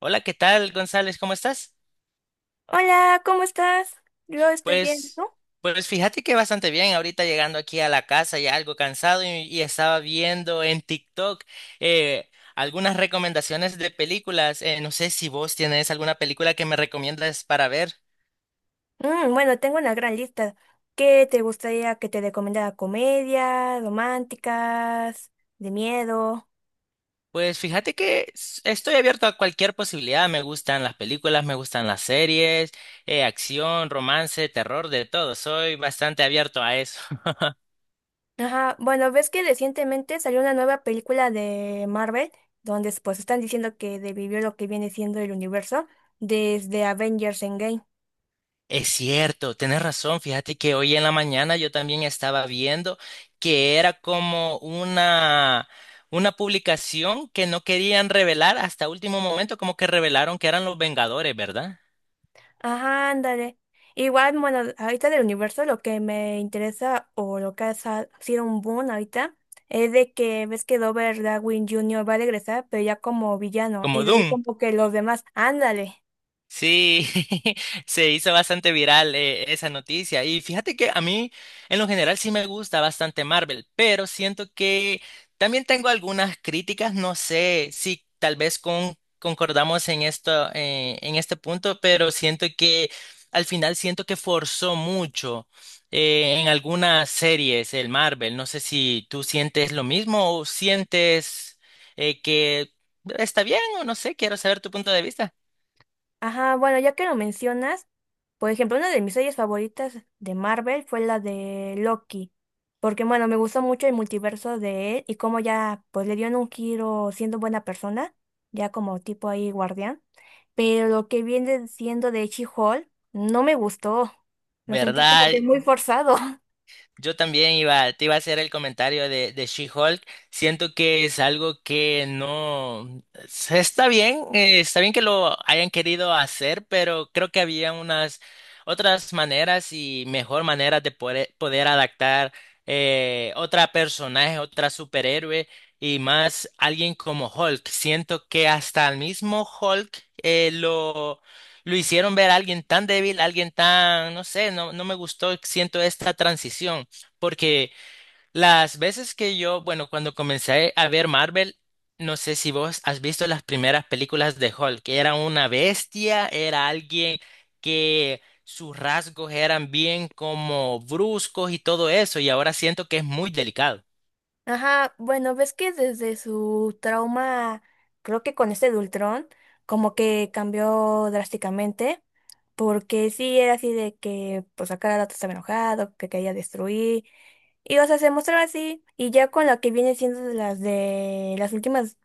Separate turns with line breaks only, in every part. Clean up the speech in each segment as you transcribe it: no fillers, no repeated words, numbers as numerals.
Hola, ¿qué tal, González? ¿Cómo estás?
Hola, ¿cómo estás? Yo estoy bien,
Pues,
¿no?
pues, fíjate que bastante bien. Ahorita llegando aquí a la casa ya algo cansado y estaba viendo en TikTok algunas recomendaciones de películas. No sé si vos tienes alguna película que me recomiendas para ver.
Bueno, tengo una gran lista. ¿Qué te gustaría que te recomendara? ¿Comedia, románticas, de miedo?
Pues fíjate que estoy abierto a cualquier posibilidad. Me gustan las películas, me gustan las series, acción, romance, terror, de todo. Soy bastante abierto a eso.
Ajá, bueno, ves que recientemente salió una nueva película de Marvel, donde pues están diciendo que vivió lo que viene siendo el universo desde Avengers Endgame.
Es cierto, tienes razón. Fíjate que hoy en la mañana yo también estaba viendo que era como una publicación que no querían revelar hasta último momento, como que revelaron que eran los Vengadores, ¿verdad?
Ajá, ándale. Igual, bueno, ahorita del universo lo que me interesa o lo que ha sido un boom ahorita es de que ves que Robert Darwin junior va a regresar, pero ya como villano, y
Como
de ahí
Doom.
como que los demás, ándale.
Sí, se hizo bastante viral esa noticia. Y fíjate que a mí, en lo general, sí me gusta bastante Marvel, pero siento que también tengo algunas críticas. No sé si tal vez concordamos en esto, en este punto, pero siento que al final siento que forzó mucho en algunas series el Marvel. No sé si tú sientes lo mismo o sientes que está bien o no sé. Quiero saber tu punto de vista.
Ajá, bueno, ya que lo mencionas, por ejemplo, una de mis series favoritas de Marvel fue la de Loki, porque bueno, me gustó mucho el multiverso de él y cómo ya pues le dieron un giro siendo buena persona, ya como tipo ahí guardián, pero lo que viene siendo de She-Hulk no me gustó, lo sentí como
¿Verdad?
que muy forzado.
Yo también iba, te iba a hacer el comentario de She-Hulk. Siento que es algo que no se- está bien que lo hayan querido hacer, pero creo que había unas otras maneras y mejor maneras de poder adaptar otra personaje, otra superhéroe y más alguien como Hulk. Siento que hasta el mismo Hulk eh, lo lo hicieron ver a alguien tan débil, alguien tan, no sé, no, no me gustó, siento esta transición. Porque las veces que yo, bueno, cuando comencé a ver Marvel, no sé si vos has visto las primeras películas de Hulk, que era una bestia, era alguien que sus rasgos eran bien como bruscos y todo eso, y ahora siento que es muy delicado.
Ajá, bueno, ves que desde su trauma, creo que con este de Ultron, como que cambió drásticamente, porque sí era así de que, pues a cada rato estaba enojado, que quería destruir, y o sea, se mostraba así, y ya con lo que viene siendo de las últimas,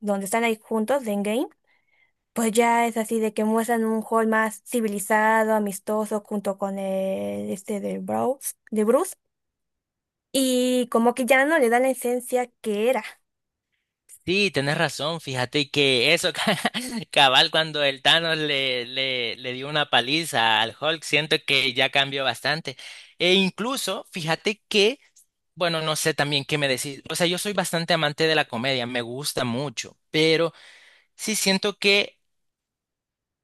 donde están ahí juntos, de Endgame, pues ya es así de que muestran un Hall más civilizado, amistoso, junto con el, este de Bruce, y como que ya no le da la esencia que era.
Sí, tenés razón, fíjate que eso, cabal, cuando el Thanos le dio una paliza al Hulk, siento que ya cambió bastante. E incluso, fíjate que, bueno, no sé también qué me decís, o sea, yo soy bastante amante de la comedia, me gusta mucho, pero sí siento que,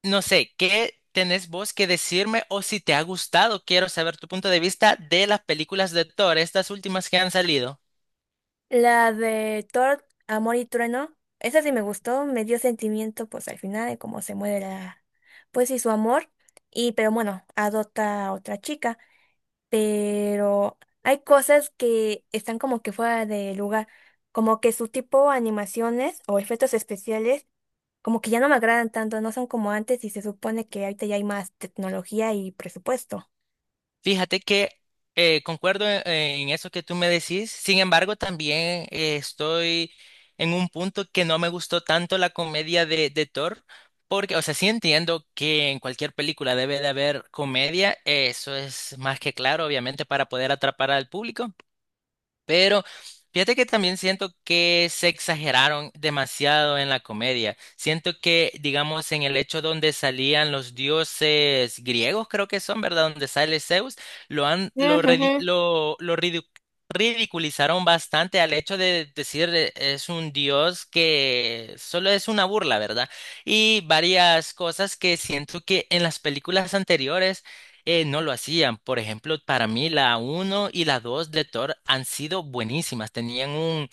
no sé, ¿qué tenés vos que decirme o si te ha gustado? Quiero saber tu punto de vista de las películas de Thor, estas últimas que han salido.
La de Thor, Amor y Trueno, esa sí me gustó, me dio sentimiento pues al final de cómo se muere la, pues y su amor, y pero bueno, adopta a otra chica, pero hay cosas que están como que fuera de lugar, como que su tipo de animaciones o efectos especiales, como que ya no me agradan tanto, no son como antes y se supone que ahorita ya hay más tecnología y presupuesto.
Fíjate que concuerdo en eso que tú me decís, sin embargo también estoy en un punto que no me gustó tanto la comedia de Thor, porque, o sea, sí entiendo que en cualquier película debe de haber comedia, eso es más que claro, obviamente, para poder atrapar al público. Pero fíjate que también siento que se exageraron demasiado en la comedia. Siento que, digamos, en el hecho donde salían los dioses griegos, creo que son, ¿verdad? Donde sale Zeus, lo han, lo, redi- lo ridicu- ridiculizaron bastante al hecho de decir es un dios que solo es una burla, ¿verdad? Y varias cosas que siento que en las películas anteriores no lo hacían. Por ejemplo, para mí la uno y la 2 de Thor han sido buenísimas. Tenían un,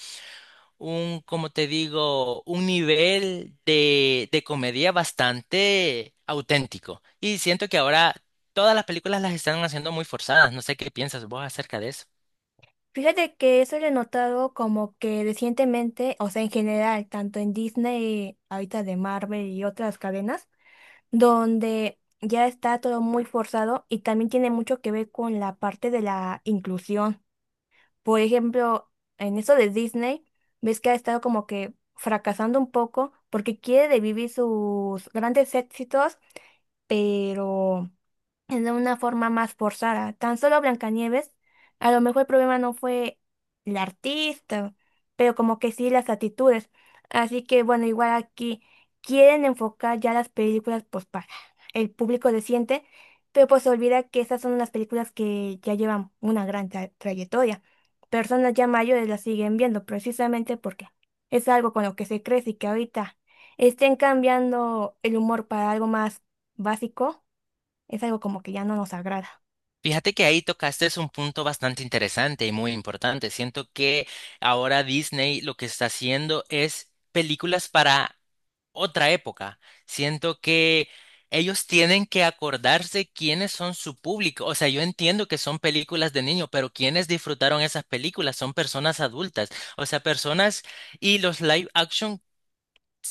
un, Como te digo, un nivel de comedia bastante auténtico. Y siento que ahora todas las películas las están haciendo muy forzadas. No sé qué piensas vos acerca de eso.
Fíjate que eso lo he notado como que recientemente, o sea, en general, tanto en Disney, ahorita de Marvel y otras cadenas, donde ya está todo muy forzado y también tiene mucho que ver con la parte de la inclusión. Por ejemplo, en eso de Disney, ves que ha estado como que fracasando un poco porque quiere vivir sus grandes éxitos, pero en una forma más forzada. Tan solo Blancanieves, a lo mejor el problema no fue el artista, pero como que sí las actitudes. Así que bueno, igual aquí quieren enfocar ya las películas pues para el público reciente, pero pues se olvida que esas son las películas que ya llevan una gran trayectoria. Personas ya mayores las siguen viendo precisamente porque es algo con lo que se crece y que ahorita estén cambiando el humor para algo más básico es algo como que ya no nos agrada.
Fíjate que ahí tocaste es un punto bastante interesante y muy importante. Siento que ahora Disney lo que está haciendo es películas para otra época. Siento que ellos tienen que acordarse quiénes son su público. O sea, yo entiendo que son películas de niños, pero quienes disfrutaron esas películas son personas adultas. O sea, personas y los live action,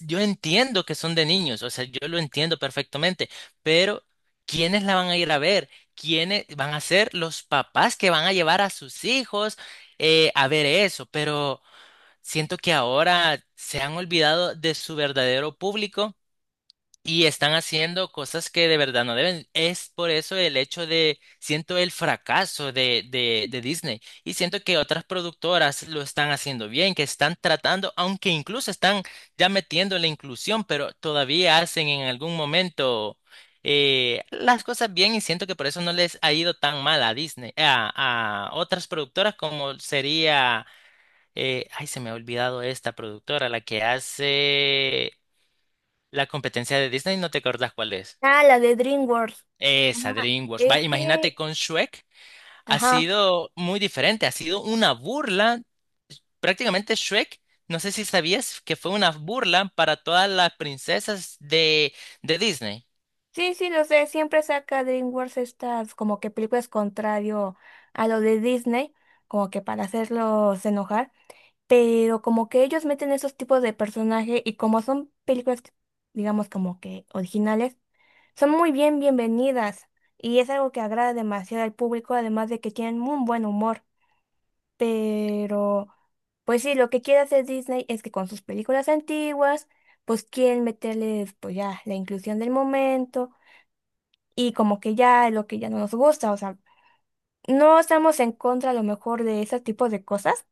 yo entiendo que son de niños. O sea, yo lo entiendo perfectamente, pero ¿quiénes la van a ir a ver? ¿Quiénes van a ser los papás que van a llevar a sus hijos a ver eso? Pero siento que ahora se han olvidado de su verdadero público y están haciendo cosas que de verdad no deben. Es por eso el hecho de, siento el fracaso de Disney. Y siento que otras productoras lo están haciendo bien, que están tratando, aunque incluso están ya metiendo la inclusión, pero todavía hacen en algún momento las cosas bien y siento que por eso no les ha ido tan mal a Disney, a otras productoras como sería, ay, se me ha olvidado esta productora, la que hace... La competencia de Disney, ¿no te acuerdas cuál es?
Ah, la de DreamWorks.
Esa,
Ajá.
DreamWorks.
Es
Va, imagínate
que,
con Shrek, ha
ajá,
sido muy diferente, ha sido una burla. Prácticamente Shrek, no sé si sabías que fue una burla para todas las princesas de Disney.
sí, sí, lo sé, siempre saca DreamWorks estas como que películas contrario a lo de Disney, como que para hacerlos enojar, pero como que ellos meten esos tipos de personajes y como son películas, digamos como que originales, son muy bien bienvenidas y es algo que agrada demasiado al público, además de que tienen un buen humor, pero... Pues sí, lo que quiere hacer Disney es que con sus películas antiguas, pues quieren meterle pues ya la inclusión del momento y como que ya lo que ya no nos gusta, o sea, no estamos en contra a lo mejor de ese tipo de cosas,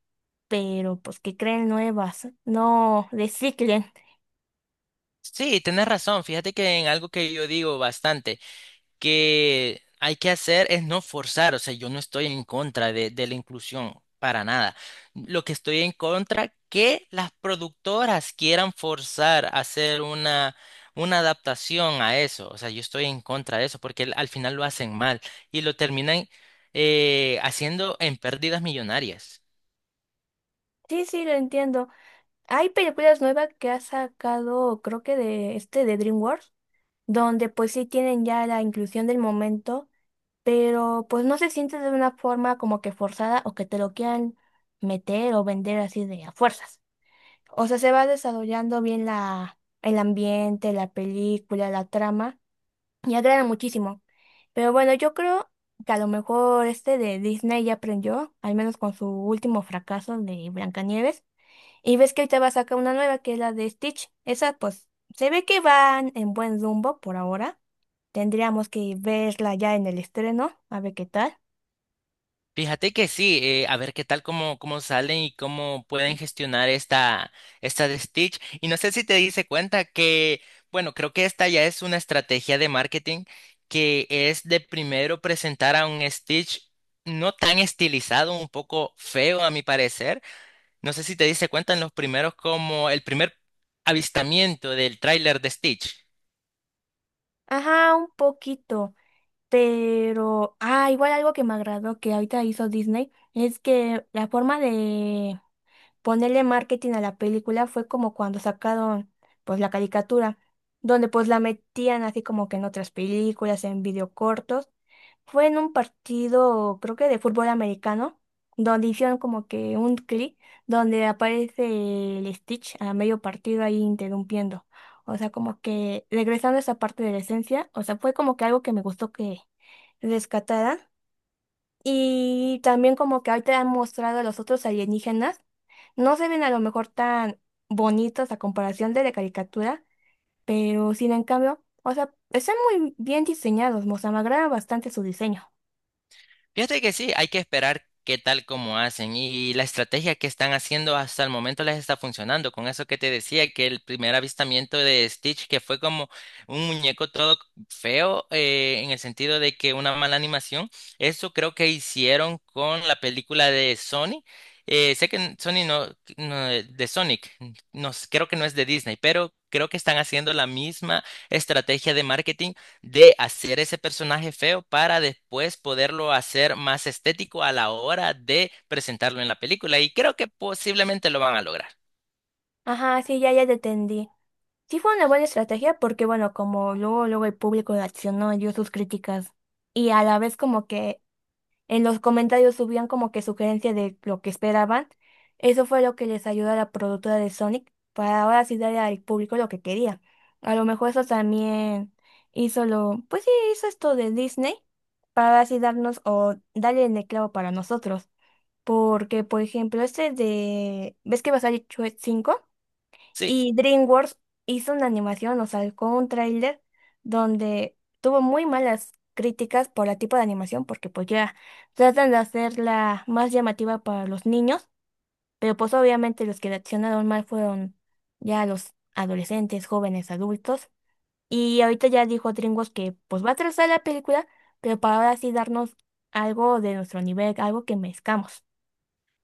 pero pues que creen nuevas, no reciclen.
Sí, tienes razón. Fíjate que en algo que yo digo bastante, que hay que hacer es no forzar, o sea, yo no estoy en contra de la inclusión para nada. Lo que estoy en contra que las productoras quieran forzar a hacer una adaptación a eso, o sea, yo estoy en contra de eso porque al al final lo hacen mal y lo terminan haciendo en pérdidas millonarias.
Sí, sí, lo entiendo. Hay películas nuevas que ha sacado, creo que de este de DreamWorks, donde pues sí tienen ya la inclusión del momento pero pues no se siente de una forma como que forzada o que te lo quieran meter o vender así de a fuerzas. O sea, se va desarrollando bien la, el ambiente, la película, la trama y agrada muchísimo. Pero bueno, yo creo que a lo mejor este de Disney ya aprendió, al menos con su último fracaso de Blancanieves. Y ves que ahorita va a sacar una nueva que es la de Stitch. Esa pues se ve que van en buen rumbo por ahora. Tendríamos que verla ya en el estreno, a ver qué tal.
Fíjate que sí, a ver qué tal cómo, cómo salen y cómo pueden gestionar esta de Stitch. Y no sé si te diste cuenta que, bueno, creo que esta ya es una estrategia de marketing que es de primero presentar a un Stitch no tan estilizado, un poco feo a mi parecer. No sé si te diste cuenta en los primeros como el primer avistamiento del tráiler de Stitch.
Ajá, un poquito, pero, ah, igual algo que me agradó que ahorita hizo Disney es que la forma de ponerle marketing a la película fue como cuando sacaron pues la caricatura, donde pues la metían así como que en otras películas, en videocortos. Fue en un partido, creo que de fútbol americano, donde hicieron como que un clip donde aparece el Stitch a medio partido ahí interrumpiendo. O sea, como que regresando a esa parte de la esencia, o sea, fue como que algo que me gustó que rescataran. Y también como que ahorita han mostrado a los otros alienígenas, no se ven a lo mejor tan bonitos a comparación de la caricatura, pero sin en cambio, o sea, están muy bien diseñados, o sea, me agrada bastante su diseño.
Fíjate que sí, hay que esperar qué tal como hacen y la estrategia que están haciendo hasta el momento les está funcionando. Con eso que te decía, que el primer avistamiento de Stitch, que fue como un muñeco todo feo, en el sentido de que una mala animación, eso creo que hicieron con la película de Sony. Sé que Sony no, de Sonic, no, creo que no es de Disney, pero creo que están haciendo la misma estrategia de marketing de hacer ese personaje feo para después poderlo hacer más estético a la hora de presentarlo en la película. Y creo que posiblemente lo van a lograr.
Ajá, sí, ya te entendí. Sí fue una buena estrategia porque, bueno, como luego, luego el público reaccionó y dio sus críticas. Y a la vez como que en los comentarios subían como que sugerencias de lo que esperaban. Eso fue lo que les ayudó a la productora de Sonic para ahora sí darle al público lo que quería. A lo mejor eso también hizo lo, pues sí, hizo esto de Disney para así darnos o darle el clavo para nosotros. Porque, por ejemplo, este de, ¿ves que va a salir Shrek 5?
Sí,
Y DreamWorks hizo una animación, o sacó un tráiler donde tuvo muy malas críticas por el tipo de animación, porque pues ya tratan de hacerla más llamativa para los niños, pero pues obviamente los que reaccionaron mal fueron ya los adolescentes, jóvenes, adultos. Y ahorita ya dijo DreamWorks que pues va a trazar la película, pero para ahora sí darnos algo de nuestro nivel, algo que mezclamos.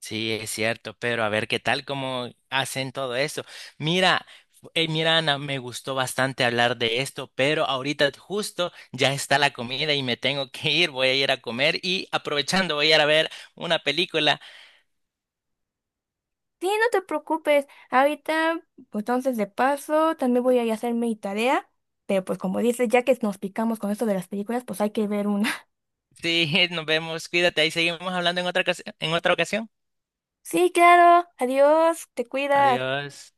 sí, es cierto, pero a ver qué tal, cómo hacen todo eso. Mira. Mira, Ana, me gustó bastante hablar de esto, pero ahorita justo ya está la comida y me tengo que ir, voy a ir a comer y aprovechando voy a ir a ver una película.
Sí, no te preocupes. Ahorita, pues entonces de paso, también voy a ir a hacer mi tarea. Pero pues como dices, ya que nos picamos con esto de las películas, pues hay que ver una.
Sí, nos vemos, cuídate, ahí seguimos hablando en en otra ocasión.
Sí, claro. Adiós. Te cuidas.
Adiós.